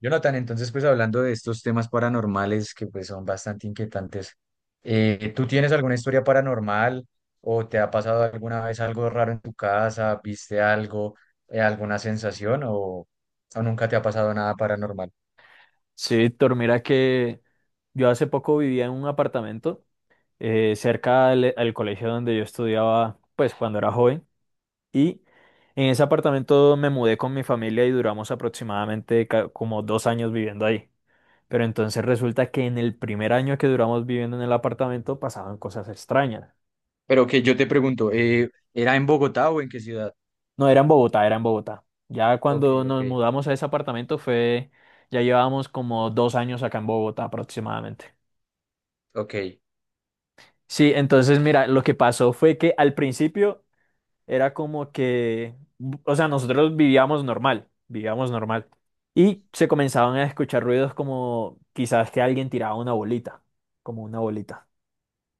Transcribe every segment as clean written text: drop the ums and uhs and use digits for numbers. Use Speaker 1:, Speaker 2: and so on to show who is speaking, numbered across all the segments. Speaker 1: Jonathan, entonces pues hablando de estos temas paranormales que pues son bastante inquietantes, ¿tú tienes alguna historia paranormal o te ha pasado alguna vez algo raro en tu casa? ¿Viste algo, alguna sensación o nunca te ha pasado nada paranormal?
Speaker 2: Sí, Víctor, mira que yo hace poco vivía en un apartamento cerca al, al colegio donde yo estudiaba, pues cuando era joven, y en ese apartamento me mudé con mi familia y duramos aproximadamente como 2 años viviendo ahí. Pero entonces resulta que en el primer año que duramos viviendo en el apartamento pasaban cosas extrañas.
Speaker 1: Pero que yo te pregunto, ¿era en Bogotá o en qué ciudad?
Speaker 2: No era en Bogotá, era en Bogotá. Ya
Speaker 1: Ok,
Speaker 2: cuando
Speaker 1: ok,
Speaker 2: nos mudamos a ese apartamento fue, ya llevábamos como 2 años acá en Bogotá aproximadamente.
Speaker 1: ok.
Speaker 2: Sí, entonces mira, lo que pasó fue que al principio era como que, o sea, nosotros vivíamos normal, vivíamos normal. Y se comenzaban a escuchar ruidos como quizás que alguien tiraba una bolita, como una bolita.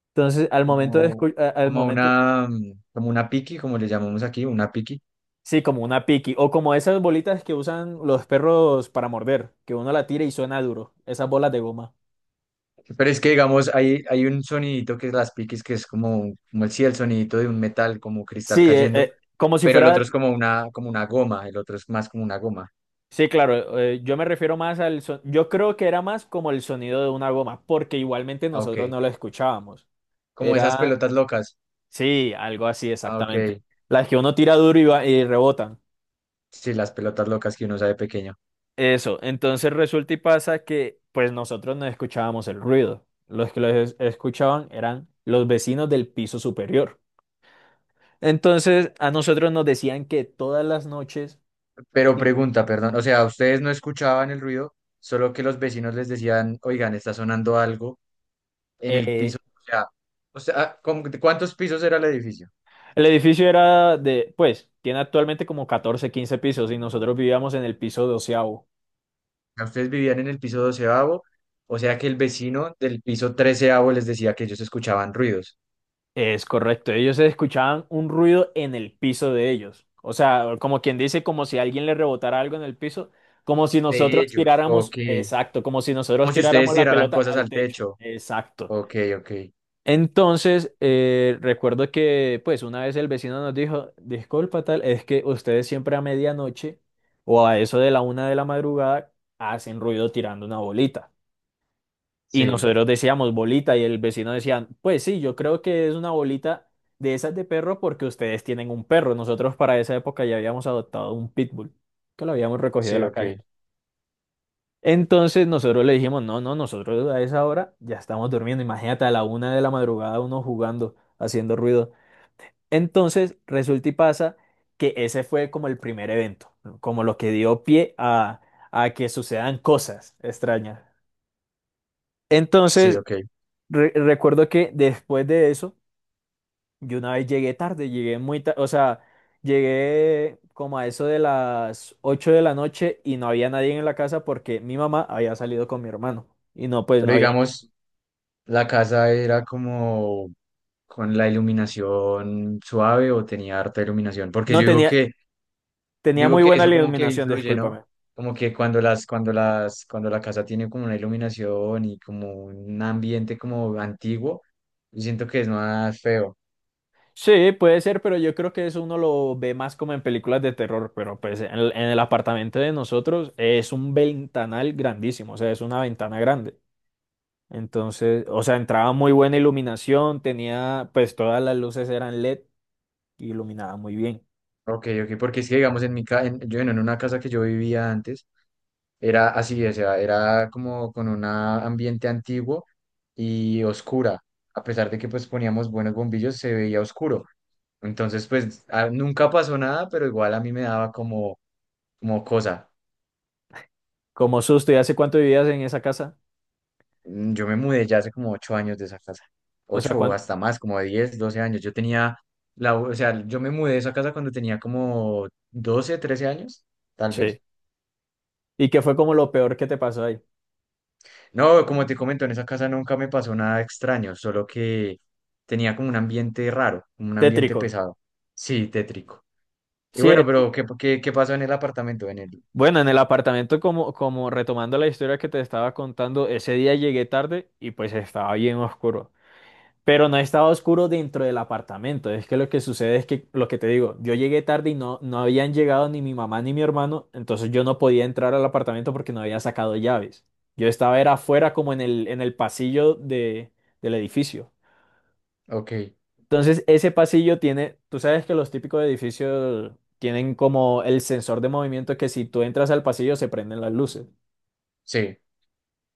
Speaker 2: Entonces, al momento de
Speaker 1: Como,
Speaker 2: escu- a- al
Speaker 1: como
Speaker 2: momento,
Speaker 1: una, mm, como una piqui, como le llamamos aquí, una piqui.
Speaker 2: sí, como una piqui, o como esas bolitas que usan los perros para morder, que uno la tira y suena duro, esas bolas de goma.
Speaker 1: Pero es que, digamos, hay un sonidito que es las piques, que es como el, sí, el sonidito de un metal, como cristal
Speaker 2: Sí,
Speaker 1: cayendo,
Speaker 2: como si
Speaker 1: pero el otro
Speaker 2: fuera.
Speaker 1: es como una goma, el otro es más como una goma.
Speaker 2: Sí, claro, yo me refiero más yo creo que era más como el sonido de una goma, porque igualmente
Speaker 1: Ah,
Speaker 2: nosotros
Speaker 1: ok.
Speaker 2: no lo escuchábamos.
Speaker 1: Como esas
Speaker 2: Era,
Speaker 1: pelotas locas.
Speaker 2: sí, algo así
Speaker 1: Ah, ok.
Speaker 2: exactamente. Las que uno tira duro y, y rebotan.
Speaker 1: Sí, las pelotas locas que uno sabe pequeño.
Speaker 2: Eso, entonces resulta y pasa que pues nosotros no escuchábamos el ruido. Los que escuchaban eran los vecinos del piso superior. Entonces a nosotros nos decían que todas las noches
Speaker 1: Pero pregunta, perdón, o sea, ustedes no escuchaban el ruido, solo que los vecinos les decían, oigan, está sonando algo en el
Speaker 2: eh,
Speaker 1: piso. O sea, ¿cuántos pisos era el edificio?
Speaker 2: el edificio era de, pues, tiene actualmente como 14, 15 pisos y nosotros vivíamos en el piso doceavo.
Speaker 1: Sea, ustedes vivían en el piso 12.º, o sea que el vecino del piso 13.º les decía que ellos escuchaban ruidos.
Speaker 2: Es correcto, ellos escuchaban un ruido en el piso de ellos. O sea, como quien dice, como si alguien le rebotara algo en el piso, como si
Speaker 1: De
Speaker 2: nosotros
Speaker 1: ellos,
Speaker 2: tiráramos,
Speaker 1: ok.
Speaker 2: exacto, como si
Speaker 1: Como
Speaker 2: nosotros
Speaker 1: si
Speaker 2: tiráramos
Speaker 1: ustedes
Speaker 2: la
Speaker 1: tiraran
Speaker 2: pelota
Speaker 1: cosas
Speaker 2: al
Speaker 1: al
Speaker 2: techo.
Speaker 1: techo.
Speaker 2: Exacto.
Speaker 1: Ok, ok.
Speaker 2: Entonces, recuerdo que, pues, una vez el vecino nos dijo, disculpa tal, es que ustedes siempre a medianoche o a eso de la una de la madrugada hacen ruido tirando una bolita. Y
Speaker 1: Sí,
Speaker 2: nosotros decíamos bolita y el vecino decía, pues sí, yo creo que es una bolita de esas de perro porque ustedes tienen un perro. Nosotros para esa época ya habíamos adoptado un pitbull que lo habíamos recogido de
Speaker 1: sí,
Speaker 2: la
Speaker 1: ok.
Speaker 2: calle. Entonces nosotros le dijimos, no, no, nosotros a esa hora ya estamos durmiendo. Imagínate a la una de la madrugada uno jugando, haciendo ruido. Entonces, resulta y pasa que ese fue como el primer evento, ¿no? Como lo que dio pie a que sucedan cosas extrañas.
Speaker 1: Sí,
Speaker 2: Entonces,
Speaker 1: ok.
Speaker 2: recuerdo que después de eso, yo una vez llegué tarde, llegué muy tarde, o sea, llegué como a eso de las 8 de la noche y no había nadie en la casa porque mi mamá había salido con mi hermano y no, pues no
Speaker 1: Pero
Speaker 2: había,
Speaker 1: digamos, la casa era como con la iluminación suave o tenía harta iluminación. Porque yo
Speaker 2: no
Speaker 1: digo
Speaker 2: tenía,
Speaker 1: que Yo
Speaker 2: tenía
Speaker 1: Digo
Speaker 2: muy
Speaker 1: que
Speaker 2: buena
Speaker 1: eso como que
Speaker 2: iluminación,
Speaker 1: influye, ¿no?
Speaker 2: discúlpame.
Speaker 1: Como que cuando la casa tiene como una iluminación y como un ambiente como antiguo, yo siento que es más feo.
Speaker 2: Sí, puede ser, pero yo creo que eso uno lo ve más como en películas de terror, pero pues en el apartamento de nosotros es un ventanal grandísimo, o sea, es una ventana grande. Entonces, o sea, entraba muy buena iluminación, tenía, pues todas las luces eran LED y iluminaba muy bien.
Speaker 1: Ok, ok, porque es que digamos en mi casa yo bueno, en una casa que yo vivía antes, era así, o sea, era como con un ambiente antiguo y oscura. A pesar de que pues poníamos buenos bombillos, se veía oscuro. Entonces, pues nunca pasó nada, pero igual a mí me daba como cosa.
Speaker 2: Como susto, ¿y hace cuánto vivías en esa casa?
Speaker 1: Yo me mudé ya hace como 8 años de esa casa.
Speaker 2: O sea,
Speaker 1: Ocho o
Speaker 2: ¿cuánto?
Speaker 1: hasta más, como de 10 12 años. O sea, yo me mudé de esa casa cuando tenía como 12 13 años, tal
Speaker 2: Sí.
Speaker 1: vez.
Speaker 2: ¿Y qué fue como lo peor que te pasó ahí?
Speaker 1: No, como te comento, en esa casa nunca me pasó nada extraño, solo que tenía como un ambiente raro, como un ambiente
Speaker 2: Tétrico.
Speaker 1: pesado. Sí, tétrico. Y
Speaker 2: Sí.
Speaker 1: bueno, pero ¿qué pasó en el apartamento?
Speaker 2: Bueno, en el apartamento, como, como retomando la historia que te estaba contando, ese día llegué tarde y pues estaba bien oscuro. Pero no estaba oscuro dentro del apartamento. Es que lo que sucede es que, lo que te digo, yo llegué tarde y no, no habían llegado ni mi mamá ni mi hermano, entonces yo no podía entrar al apartamento porque no había sacado llaves. Yo estaba era afuera como en el pasillo de, del edificio.
Speaker 1: Ok,
Speaker 2: Entonces ese pasillo tiene, tú sabes que los típicos edificios tienen como el sensor de movimiento que si tú entras al pasillo se prenden las luces.
Speaker 1: sí.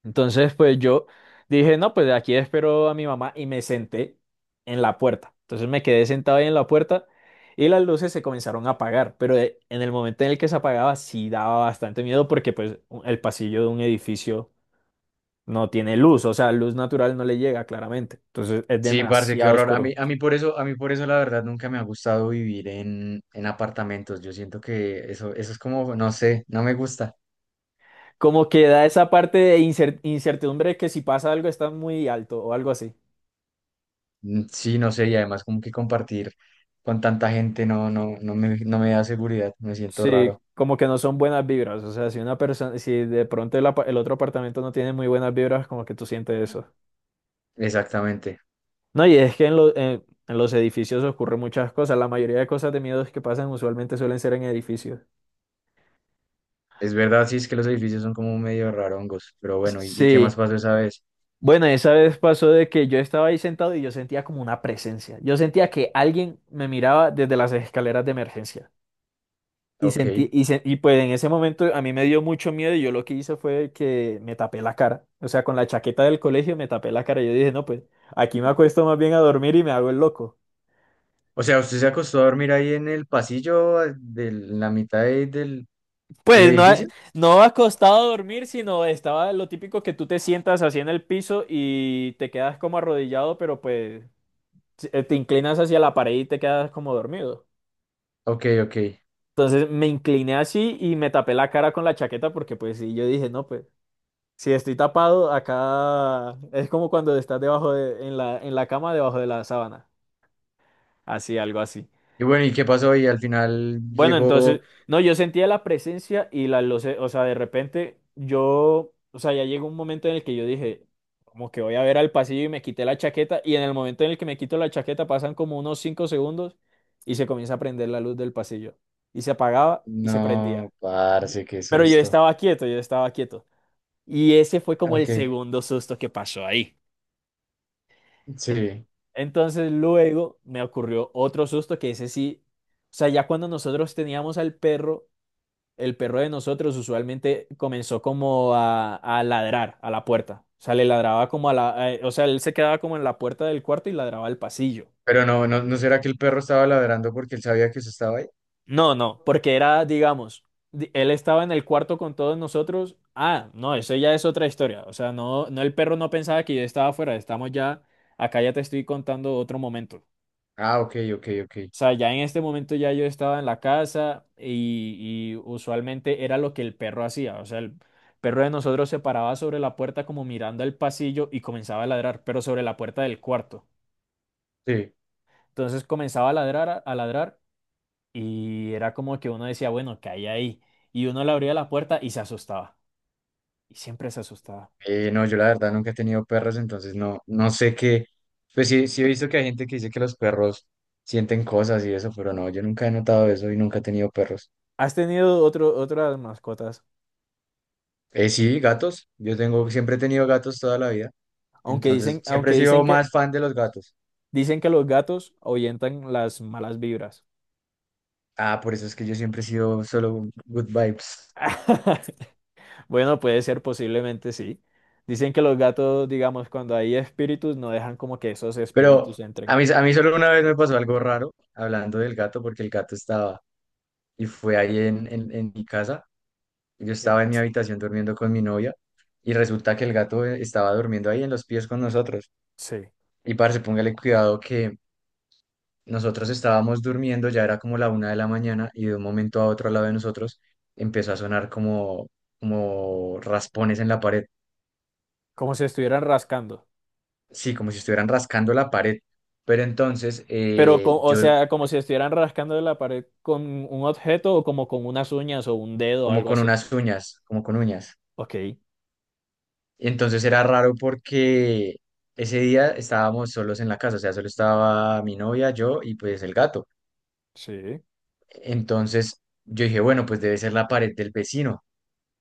Speaker 2: Entonces, pues yo dije, no, pues aquí espero a mi mamá y me senté en la puerta. Entonces me quedé sentado ahí en la puerta y las luces se comenzaron a apagar, pero en el momento en el que se apagaba sí daba bastante miedo porque pues el pasillo de un edificio no tiene luz, o sea, luz natural no le llega claramente. Entonces es
Speaker 1: Sí, parce, qué
Speaker 2: demasiado
Speaker 1: horror. A
Speaker 2: oscuro.
Speaker 1: mí, a mí por eso, a mí por eso la verdad nunca me ha gustado vivir en apartamentos. Yo siento que eso es como, no sé, no me gusta.
Speaker 2: Como que da esa parte de incertidumbre que si pasa algo está muy alto o algo así.
Speaker 1: Mm, sí, no sé, y además como que compartir con tanta gente no, no, no me da seguridad, me siento
Speaker 2: Sí,
Speaker 1: raro.
Speaker 2: como que no son buenas vibras. O sea, si una persona, si de pronto el otro apartamento no tiene muy buenas vibras, como que tú sientes eso.
Speaker 1: Exactamente.
Speaker 2: No, y es que en los edificios ocurren muchas cosas. La mayoría de cosas de miedos que pasan usualmente suelen ser en edificios.
Speaker 1: Es verdad, sí, es que los edificios son como medio rarongos, pero bueno, ¿y qué más
Speaker 2: Sí.
Speaker 1: pasó esa vez?
Speaker 2: Bueno, esa vez pasó de que yo estaba ahí sentado y yo sentía como una presencia. Yo sentía que alguien me miraba desde las escaleras de emergencia.
Speaker 1: Ok.
Speaker 2: Y pues en ese momento a mí me dio mucho miedo y yo lo que hice fue que me tapé la cara. O sea, con la chaqueta del colegio me tapé la cara. Yo dije, no, pues aquí me acuesto más bien a dormir y me hago el loco.
Speaker 1: O sea, ¿usted se acostó a dormir ahí en el pasillo, de la mitad del
Speaker 2: Pues no,
Speaker 1: edificio?
Speaker 2: no acostado a dormir, sino estaba lo típico que tú te sientas así en el piso y te quedas como arrodillado, pero pues si, te inclinas hacia la pared y te quedas como dormido.
Speaker 1: Ok, ok.
Speaker 2: Entonces me incliné así y me tapé la cara con la chaqueta porque pues sí, yo dije, no, pues. Si estoy tapado, acá es como cuando estás debajo de, en la cama, debajo de la sábana. Así, algo así.
Speaker 1: Y bueno, ¿y qué pasó? Y al final
Speaker 2: Bueno, entonces,
Speaker 1: llegó.
Speaker 2: no, yo sentía la presencia y la luz, o sea, de repente yo, o sea, ya llegó un momento en el que yo dije, como que voy a ver al pasillo y me quité la chaqueta y en el momento en el que me quito la chaqueta pasan como unos 5 segundos y se comienza a prender la luz del pasillo y se apagaba y se prendía.
Speaker 1: No, parce, qué
Speaker 2: Pero yo
Speaker 1: susto.
Speaker 2: estaba quieto, yo estaba quieto. Y ese fue como el
Speaker 1: Ok,
Speaker 2: segundo susto que pasó ahí.
Speaker 1: sí.
Speaker 2: Entonces luego me ocurrió otro susto que ese sí, o sea, ya cuando nosotros teníamos al perro, el perro de nosotros usualmente comenzó como a ladrar a la puerta. O sea, le ladraba como a la, o sea, él se quedaba como en la puerta del cuarto y ladraba al pasillo.
Speaker 1: Pero no, no, ¿no será que el perro estaba ladrando porque él sabía que usted estaba ahí?
Speaker 2: No, no, porque era, digamos, él estaba en el cuarto con todos nosotros. Ah, no, eso ya es otra historia. O sea, no, no, el perro no pensaba que yo estaba afuera. Estamos ya, acá ya te estoy contando otro momento.
Speaker 1: Ah, ok, ok, ok.
Speaker 2: O sea, ya en este momento ya yo estaba en la casa y usualmente era lo que el perro hacía. O sea, el perro de nosotros se paraba sobre la puerta como mirando el pasillo y comenzaba a ladrar, pero sobre la puerta del cuarto.
Speaker 1: Sí.
Speaker 2: Entonces comenzaba a ladrar, a ladrar y era como que uno decía, bueno, ¿qué hay ahí? Y uno le abría la puerta y se asustaba. Y siempre se asustaba.
Speaker 1: No, yo la verdad nunca he tenido perros, entonces no, no sé qué. Pues sí, sí he visto que hay gente que dice que los perros sienten cosas y eso, pero no, yo nunca he notado eso y nunca he tenido perros.
Speaker 2: ¿Has tenido otro, otras mascotas?
Speaker 1: Sí, gatos. Siempre he tenido gatos toda la vida.
Speaker 2: Aunque
Speaker 1: Entonces,
Speaker 2: dicen,
Speaker 1: siempre he
Speaker 2: aunque
Speaker 1: sido
Speaker 2: dicen que,
Speaker 1: más fan de los gatos.
Speaker 2: dicen que los gatos ahuyentan las malas vibras.
Speaker 1: Ah, por eso es que yo siempre he sido solo good vibes.
Speaker 2: Bueno, puede ser, posiblemente sí. Dicen que los gatos, digamos, cuando hay espíritus, no dejan como que esos
Speaker 1: Pero
Speaker 2: espíritus
Speaker 1: a
Speaker 2: entren.
Speaker 1: mí, a mí solo una vez me pasó algo raro hablando del gato, porque el gato estaba y fue ahí en mi casa. Yo
Speaker 2: ¿Qué
Speaker 1: estaba en mi
Speaker 2: pasa?
Speaker 1: habitación durmiendo con mi novia y resulta que el gato estaba durmiendo ahí en los pies con nosotros.
Speaker 2: Sí,
Speaker 1: Y parce, póngale cuidado que nosotros estábamos durmiendo, ya era como la 1 de la mañana y de un momento a otro al lado de nosotros empezó a sonar como raspones en la pared.
Speaker 2: como si estuvieran rascando.
Speaker 1: Sí, como si estuvieran rascando la pared. Pero entonces,
Speaker 2: Pero, o sea, como si estuvieran rascando de la pared con un objeto o como con unas uñas o un dedo o
Speaker 1: como
Speaker 2: algo
Speaker 1: con
Speaker 2: así.
Speaker 1: unas uñas, como con uñas.
Speaker 2: Ok,
Speaker 1: Y entonces era raro porque ese día estábamos solos en la casa, o sea, solo estaba mi novia, yo y pues el gato.
Speaker 2: sí,
Speaker 1: Entonces yo dije, bueno, pues debe ser la pared del vecino.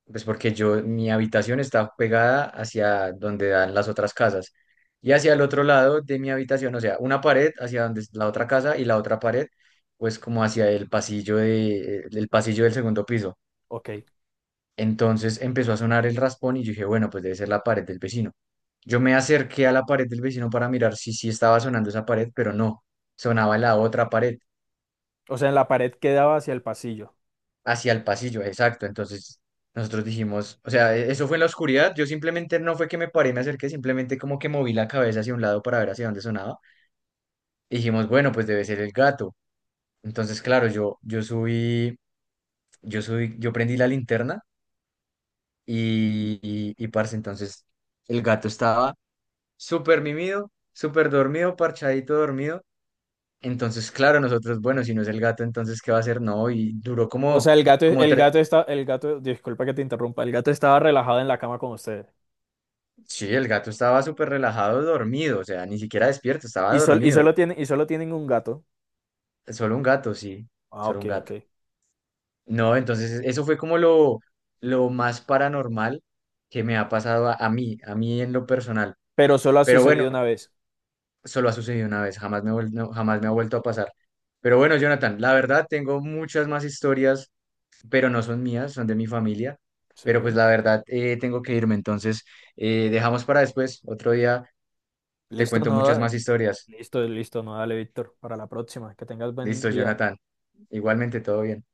Speaker 1: Pues porque mi habitación está pegada hacia donde dan las otras casas. Y hacia el otro lado de mi habitación, o sea, una pared hacia donde es la otra casa y la otra pared, pues como hacia el pasillo del segundo piso.
Speaker 2: ok.
Speaker 1: Entonces empezó a sonar el raspón y yo dije, bueno, pues debe ser la pared del vecino. Yo me acerqué a la pared del vecino para mirar si sí estaba sonando esa pared, pero no, sonaba la otra pared.
Speaker 2: O sea, en la pared quedaba hacia el pasillo.
Speaker 1: Hacia el pasillo, exacto. Entonces nosotros dijimos, o sea, eso fue en la oscuridad. Yo simplemente no fue que me paré, me acerqué, simplemente como que moví la cabeza hacia un lado para ver hacia dónde sonaba. Y dijimos, bueno, pues debe ser el gato. Entonces, claro, yo subí, yo prendí la linterna y, parce, entonces el gato estaba súper mimido, súper dormido, parchadito dormido. Entonces, claro, nosotros, bueno, si no es el gato, entonces, ¿qué va a hacer? No, y duró
Speaker 2: O
Speaker 1: como,
Speaker 2: sea,
Speaker 1: como tre-
Speaker 2: el gato, disculpa que te interrumpa, el gato estaba relajado en la cama con ustedes.
Speaker 1: Sí, el gato estaba súper relajado, dormido, o sea, ni siquiera despierto, estaba dormido.
Speaker 2: Y solo tienen un gato.
Speaker 1: Solo un gato, sí,
Speaker 2: Ah,
Speaker 1: solo
Speaker 2: ok,
Speaker 1: un
Speaker 2: ok.
Speaker 1: gato. No, entonces eso fue como lo más paranormal que me ha pasado a mí en lo personal.
Speaker 2: Pero solo ha
Speaker 1: Pero bueno,
Speaker 2: sucedido una vez.
Speaker 1: solo ha sucedido una vez, jamás no, jamás me ha vuelto a pasar. Pero bueno, Jonathan, la verdad tengo muchas más historias, pero no son mías, son de mi familia. Pero pues
Speaker 2: Sí.
Speaker 1: la verdad tengo que irme, entonces dejamos para después, otro día te
Speaker 2: Listo,
Speaker 1: cuento muchas más
Speaker 2: no,
Speaker 1: historias.
Speaker 2: listo, listo, no, dale, Víctor, para la próxima. Que tengas buen
Speaker 1: Listo,
Speaker 2: día.
Speaker 1: Jonathan. Igualmente, todo bien.